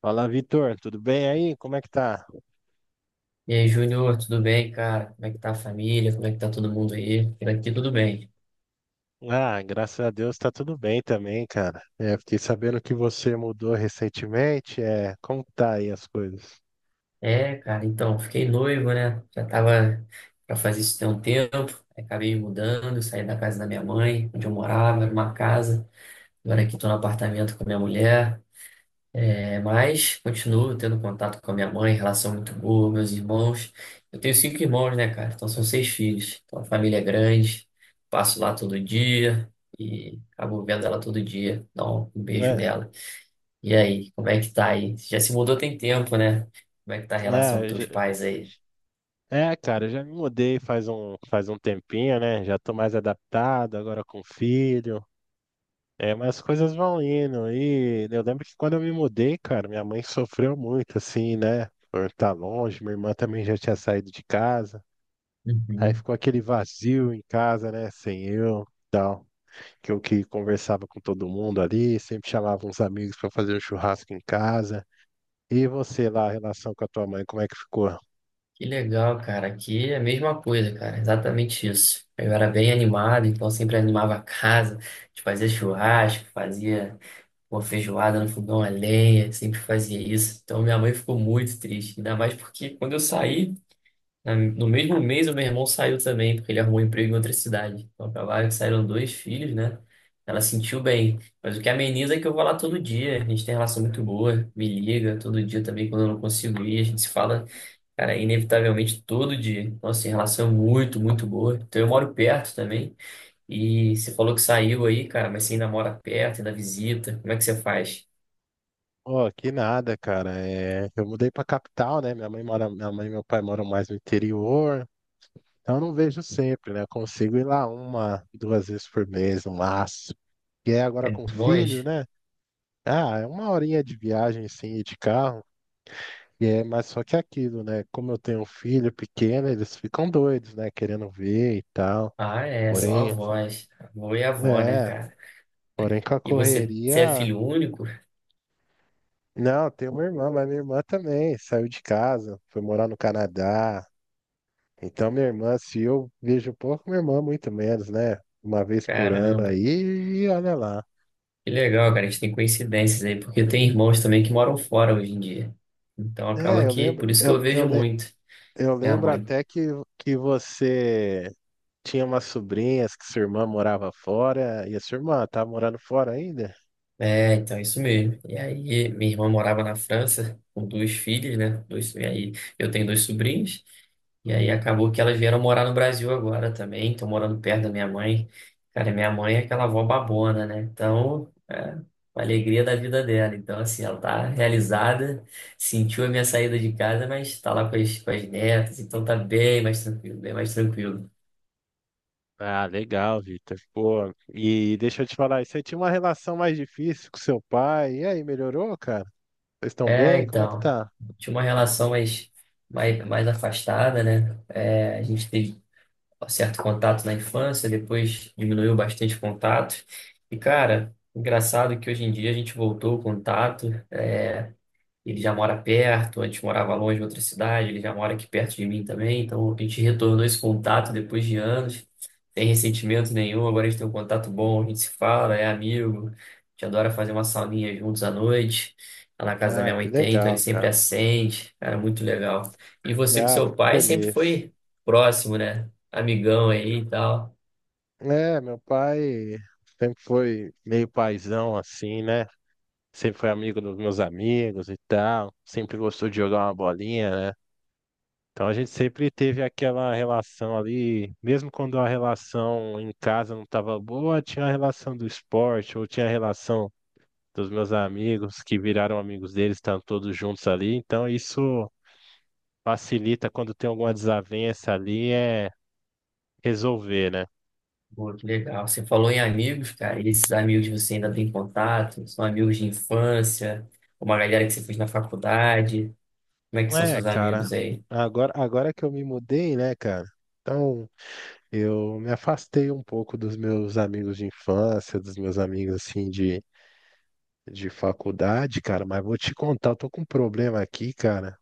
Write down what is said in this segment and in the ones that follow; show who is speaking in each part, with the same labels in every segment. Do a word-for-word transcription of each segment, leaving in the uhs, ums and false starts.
Speaker 1: Fala, Vitor, tudo bem aí? Como é que tá?
Speaker 2: E aí, Júnior, tudo bem, cara? Como é que tá a família? Como é que tá todo mundo aí? Por aqui tudo bem.
Speaker 1: Ah, graças a Deus tá tudo bem também, cara. É, fiquei sabendo que você mudou recentemente. É, como que tá aí as coisas?
Speaker 2: É, cara, então, fiquei noivo, né? Já tava pra fazer isso tem um tempo. Aí acabei me mudando, saí da casa da minha mãe, onde eu morava, era uma casa. Agora aqui tô no apartamento com a minha mulher. É, mas continuo tendo contato com a minha mãe, relação muito boa, meus irmãos. Eu tenho cinco irmãos, né, cara? Então são seis filhos. Então a família é grande, passo lá todo dia e acabo vendo ela todo dia. Dá um beijo
Speaker 1: É,
Speaker 2: nela. E aí, como é que tá aí? Você já se mudou tem tempo, né? Como é que tá a relação com
Speaker 1: é,
Speaker 2: teus
Speaker 1: já-
Speaker 2: pais aí?
Speaker 1: é, cara, já me mudei faz um, faz um tempinho, né? Já tô mais adaptado agora com filho. É, mas as coisas vão indo. E eu lembro que quando eu me mudei, cara, minha mãe sofreu muito, assim, né? Por estar longe, minha irmã também já tinha saído de casa. Aí
Speaker 2: Uhum.
Speaker 1: ficou aquele vazio em casa, né? Sem eu, tal. Que eu que conversava com todo mundo ali, sempre chamava uns amigos para fazer um churrasco em casa. E você lá, a relação com a tua mãe, como é que ficou?
Speaker 2: Que legal, cara. Aqui é a mesma coisa, cara. Exatamente isso. Eu era bem animado, então sempre animava a casa. A gente fazia churrasco, fazia uma feijoada no fogão a lenha, sempre fazia isso. Então minha mãe ficou muito triste, ainda mais porque quando eu saí, Na- no mesmo mês, o meu irmão saiu também, porque ele arrumou um emprego em outra cidade. Então, acabaram que saíram dois filhos, né? Ela sentiu bem. Mas o que ameniza é que eu vou lá todo dia. A gente tem relação muito boa, me liga todo dia também quando eu não consigo ir. A gente se fala, cara, inevitavelmente todo dia. Então, assim, relação é muito, muito boa. Então, eu moro perto também. E você falou que saiu aí, cara, mas você ainda mora perto, ainda visita. Como é que você faz?
Speaker 1: Oh, que nada, cara. É, eu mudei pra capital, né? Minha mãe mora, minha mãe e meu pai moram mais no interior. Então eu não vejo sempre, né? Eu consigo ir lá uma, duas vezes por mês, no máximo. E aí agora
Speaker 2: É
Speaker 1: com o
Speaker 2: muito
Speaker 1: filho,
Speaker 2: longe?
Speaker 1: né? Ah, é uma horinha de viagem, sim, de carro. E é, mas só que é aquilo, né? Como eu tenho um filho pequeno, eles ficam doidos, né? Querendo ver e tal.
Speaker 2: Ah, é, só
Speaker 1: Porém,
Speaker 2: avós. Avô e avó, né,
Speaker 1: é,
Speaker 2: cara?
Speaker 1: porém com a
Speaker 2: E você, você é
Speaker 1: correria.
Speaker 2: filho único?
Speaker 1: Não, tenho uma irmã, mas minha irmã também saiu de casa, foi morar no Canadá. Então, minha irmã, se eu vejo pouco, minha irmã muito menos, né? Uma vez por ano
Speaker 2: Caramba,
Speaker 1: aí, e olha lá.
Speaker 2: que legal, cara. A gente tem coincidências aí, porque tem irmãos também que moram fora hoje em dia. Então
Speaker 1: É,
Speaker 2: acaba
Speaker 1: eu
Speaker 2: que,
Speaker 1: lembro,
Speaker 2: por isso que eu
Speaker 1: eu, eu,
Speaker 2: vejo
Speaker 1: le-
Speaker 2: muito
Speaker 1: eu
Speaker 2: minha
Speaker 1: lembro
Speaker 2: mãe.
Speaker 1: até que, que você. Tinha umas sobrinhas que sua irmã morava fora, e a sua irmã tá morando fora ainda?
Speaker 2: É, então, isso mesmo. E aí, minha irmã morava na França com duas filhas, né? Dois, e aí, eu tenho dois sobrinhos. E aí, acabou que elas vieram morar no Brasil agora também. Estão morando perto da minha mãe. Cara, minha mãe é aquela avó babona, né? Então, é uma alegria da vida dela. Então, assim, ela tá realizada, sentiu a minha saída de casa, mas tá lá com as, com as netas. Então, tá bem mais tranquilo, bem mais tranquilo.
Speaker 1: Ah, legal, Vitor. Pô, e deixa eu te falar, você tinha uma relação mais difícil com seu pai, e aí, melhorou, cara? Vocês estão
Speaker 2: É,
Speaker 1: bem? Como é que
Speaker 2: então,
Speaker 1: tá?
Speaker 2: tinha uma relação mais, mais, mais afastada, né? É, a gente teve um certo contato na infância, depois diminuiu bastante o contato. E, cara, engraçado que hoje em dia a gente voltou o contato. Ele já mora perto, antes morava longe em outra cidade, ele já mora aqui perto de mim também, então a gente retornou esse contato depois de anos, sem ressentimento nenhum, agora a gente tem um contato bom, a gente se fala, é amigo, a gente adora fazer uma sauninha juntos à noite, lá na casa da
Speaker 1: Ah,
Speaker 2: minha
Speaker 1: que
Speaker 2: mãe tem, então ele
Speaker 1: legal,
Speaker 2: sempre
Speaker 1: cara.
Speaker 2: acende, cara, muito legal. E você com
Speaker 1: Ah,
Speaker 2: seu
Speaker 1: fico
Speaker 2: pai sempre
Speaker 1: feliz.
Speaker 2: foi próximo, né? Amigão aí e tal.
Speaker 1: É, meu pai sempre foi meio paizão assim, né? Sempre foi amigo dos meus amigos e tal, sempre gostou de jogar uma bolinha, né? Então a gente sempre teve aquela relação ali, mesmo quando a relação em casa não estava boa, tinha a relação do esporte, ou tinha a relação dos meus amigos que viraram amigos deles, estão todos juntos ali. Então isso facilita quando tem alguma desavença ali, é resolver, né?
Speaker 2: Pô, que legal. Você falou em amigos, cara. E esses amigos você ainda tem contato? São amigos de infância? Uma galera que você fez na faculdade? Como é que são
Speaker 1: É,
Speaker 2: seus
Speaker 1: cara,
Speaker 2: amigos aí?
Speaker 1: agora, agora que eu me mudei, né, cara? Então, eu me afastei um pouco dos meus amigos de infância, dos meus amigos assim de, de faculdade, cara, mas vou te contar, eu tô com um problema aqui, cara.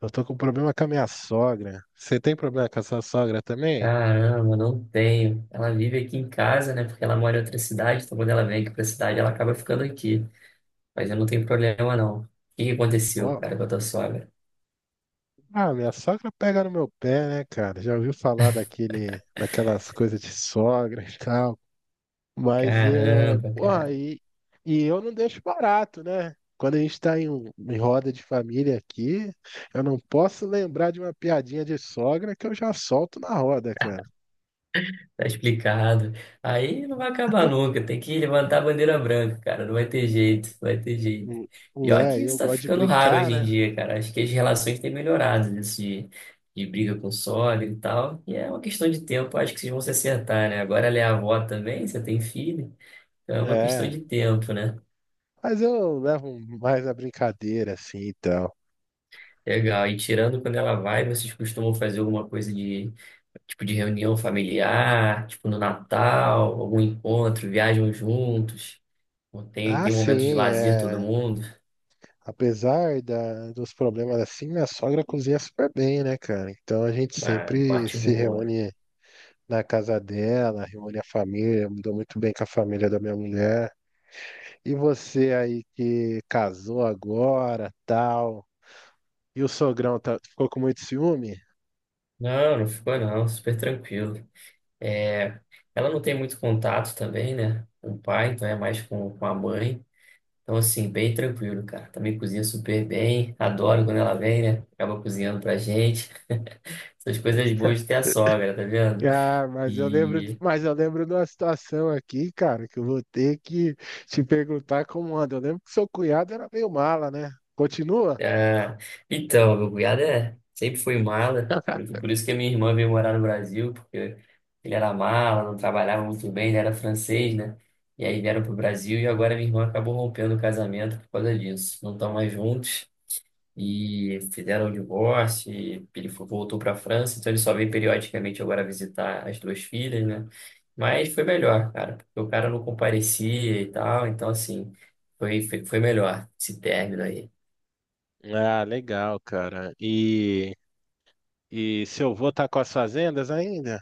Speaker 1: Eu tô com um problema com a minha sogra. Você tem problema com a sua sogra também?
Speaker 2: Caramba, não tenho. Ela vive aqui em casa, né? Porque ela mora em outra cidade. Então, quando ela vem aqui pra cidade, ela acaba ficando aqui. Mas eu não tenho problema, não. O que que aconteceu, cara, com
Speaker 1: Ó,
Speaker 2: a tua sogra?
Speaker 1: ah, minha sogra pega no meu pé, né, cara? Já ouviu falar daquele, daquelas coisas de sogra e tal? Mas é.
Speaker 2: Caramba,
Speaker 1: Porra,
Speaker 2: cara.
Speaker 1: e, e eu não deixo barato, né? Quando a gente está em, um- em roda de família aqui, eu não posso lembrar de uma piadinha de sogra que eu já solto na roda, cara.
Speaker 2: Tá explicado. Aí não vai acabar nunca. Tem que levantar a bandeira branca, cara. Não vai ter jeito, não vai ter jeito.
Speaker 1: Hum,
Speaker 2: E
Speaker 1: Não
Speaker 2: olha
Speaker 1: é,
Speaker 2: que
Speaker 1: eu
Speaker 2: isso tá
Speaker 1: gosto de
Speaker 2: ficando raro
Speaker 1: brincar,
Speaker 2: hoje em
Speaker 1: né?
Speaker 2: dia, cara. Acho que as relações têm melhorado nisso de, de briga com sólido e tal. E é uma questão de tempo, acho que vocês vão se acertar, né? Agora ela é avó também, você tem filho. Então é uma questão
Speaker 1: É.
Speaker 2: de tempo, né?
Speaker 1: Mas eu levo mais a brincadeira, assim, então.
Speaker 2: Legal. E tirando quando ela vai, vocês costumam fazer alguma coisa de tipo de reunião familiar, tipo no Natal, algum encontro, viajam juntos. Pô, tem,
Speaker 1: Ah,
Speaker 2: tem momentos de
Speaker 1: sim,
Speaker 2: lazer todo
Speaker 1: é.
Speaker 2: mundo.
Speaker 1: Apesar da, dos problemas assim, minha sogra cozinha super bem, né, cara? Então a gente
Speaker 2: Ah,
Speaker 1: sempre
Speaker 2: parte
Speaker 1: se
Speaker 2: boa.
Speaker 1: reúne na casa dela, reúne a família, me dou muito bem com a família da minha mulher. E você aí que casou agora, tal, e o sogrão tá- ficou com muito ciúme?
Speaker 2: Não, não ficou não, super tranquilo. É, ela não tem muito contato também, né? Com o pai, então é mais com, com a mãe. Então, assim, bem tranquilo, cara. Também cozinha super bem. Adoro quando ela vem, né? Acaba cozinhando pra gente. Essas coisas boas de ter a sogra, tá vendo?
Speaker 1: Ah, mas eu lembro,
Speaker 2: E
Speaker 1: mas eu lembro de uma situação aqui, cara, que eu vou ter que te perguntar como anda. Eu lembro que seu cunhado era meio mala, né? Continua?
Speaker 2: ah, então, meu cunhado é, sempre foi mala, por, por isso que a minha irmã veio morar no Brasil, porque ele era mala, não trabalhava muito bem, ele era francês, né? E aí vieram pro Brasil e agora minha irmã acabou rompendo o casamento por causa disso. Não estão mais juntos e fizeram o divórcio, e ele fo- voltou para a França, então ele só vem periodicamente agora visitar as duas filhas, né? Mas foi melhor, cara, porque o cara não comparecia e tal, então assim, foi, foi, foi melhor esse término aí.
Speaker 1: Ah, legal, cara. E, e seu avô tá com as fazendas ainda?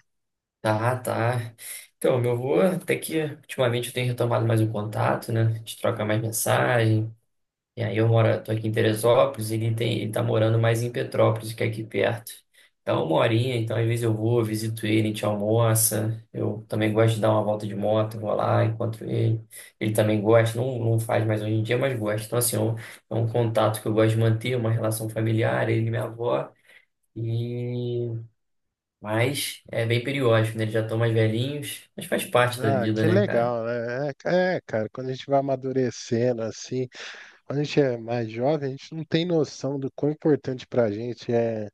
Speaker 2: Tá, tá. Então, meu avô, até que ultimamente eu tenho retomado mais o contato, né? A gente troca mais mensagem. E aí eu moro, tô aqui em Teresópolis, e ele tem, ele tá morando mais em Petrópolis, que é aqui perto. Então, uma horinha, então às vezes eu vou, visito ele, a gente almoça. Eu também gosto de dar uma volta de moto, vou lá, encontro ele. Ele também gosta, não, não faz mais hoje em dia, mas gosta. Então, assim, é um, é um contato que eu gosto de manter, uma relação familiar, ele e minha avó. e mas é bem periódico, né? Eles já estão mais velhinhos, mas faz parte da
Speaker 1: Ah,
Speaker 2: vida,
Speaker 1: que
Speaker 2: né, cara?
Speaker 1: legal, né? É, é, cara, quando a gente vai amadurecendo assim, quando a gente é mais jovem, a gente não tem noção do quão importante pra gente é,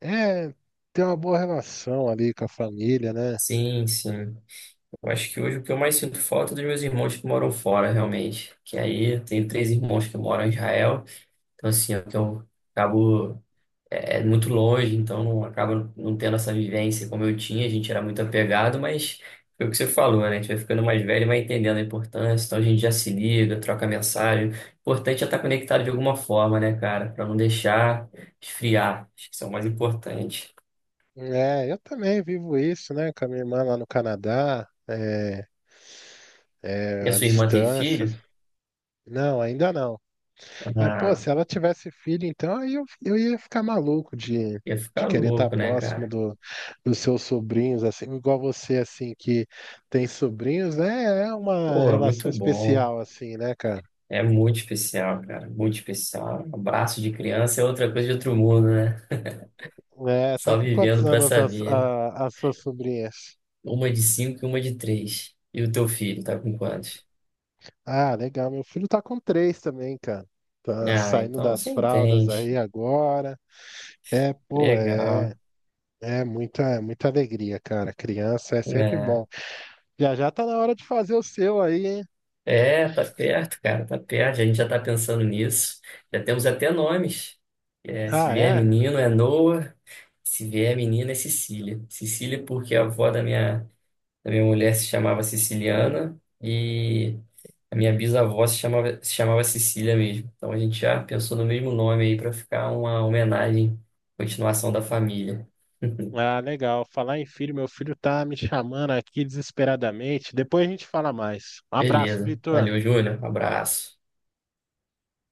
Speaker 1: é ter uma boa relação ali com a família, né?
Speaker 2: Sim, sim. Eu acho que hoje o que eu mais sinto falta é dos meus irmãos que moram fora, realmente. Que aí eu tenho três irmãos que moram em Israel. Então, assim, eu eu acabo. É é muito longe, então não acaba não tendo essa vivência como eu tinha, a gente era muito apegado, mas foi o que você falou, né? A gente vai ficando mais velho, e vai entendendo a importância, então a gente já se liga, troca mensagem. O importante é estar conectado de alguma forma, né, cara? Pra não deixar esfriar. Acho que isso é o mais importante.
Speaker 1: É, eu também vivo isso, né, com a minha irmã lá no Canadá, é,
Speaker 2: E
Speaker 1: é,
Speaker 2: a
Speaker 1: à
Speaker 2: sua irmã tem
Speaker 1: distância.
Speaker 2: filho?
Speaker 1: Não, ainda não. Aí, pô,
Speaker 2: Ah,
Speaker 1: se ela tivesse filho, então aí eu, eu ia ficar maluco de,
Speaker 2: ia
Speaker 1: de
Speaker 2: ficar
Speaker 1: querer estar
Speaker 2: louco, né,
Speaker 1: próximo
Speaker 2: cara?
Speaker 1: do, dos seus sobrinhos, assim, igual você, assim, que tem sobrinhos, né? É uma
Speaker 2: Pô, é muito
Speaker 1: relação
Speaker 2: bom.
Speaker 1: especial, assim, né, cara?
Speaker 2: É muito especial, cara. Muito especial. Abraço de criança é outra coisa de outro mundo, né?
Speaker 1: É, tá
Speaker 2: Só
Speaker 1: com quantos
Speaker 2: vivendo pra
Speaker 1: anos as,
Speaker 2: saber.
Speaker 1: a- as suas sobrinhas?
Speaker 2: Uma de cinco e uma de três. E o teu filho tá com quantos?
Speaker 1: Ah, legal, meu filho tá com três também, cara. Tá
Speaker 2: Ah,
Speaker 1: saindo
Speaker 2: então
Speaker 1: das
Speaker 2: você
Speaker 1: fraldas
Speaker 2: entende.
Speaker 1: aí agora. É, pô, é,
Speaker 2: Legal.
Speaker 1: é muita, é muita alegria, cara. Criança é sempre
Speaker 2: É,
Speaker 1: bom. Já já tá na hora de fazer o seu aí, hein?
Speaker 2: é, tá perto, cara, tá perto. A gente já tá pensando nisso. Já temos até nomes. É, se
Speaker 1: Ah,
Speaker 2: vier
Speaker 1: é?
Speaker 2: menino é Noah, se vier menina é Cecília. Cecília porque é a avó da minha. A minha mulher se chamava Siciliana e a minha bisavó se chamava, se chamava Sicília mesmo. Então a gente já pensou no mesmo nome aí para ficar uma homenagem, continuação da família.
Speaker 1: Ah, legal. Falar em filho, meu filho tá me chamando aqui desesperadamente. Depois a gente fala mais. Um abraço,
Speaker 2: Beleza.
Speaker 1: Vitor.
Speaker 2: Valeu, Júnior. Abraço.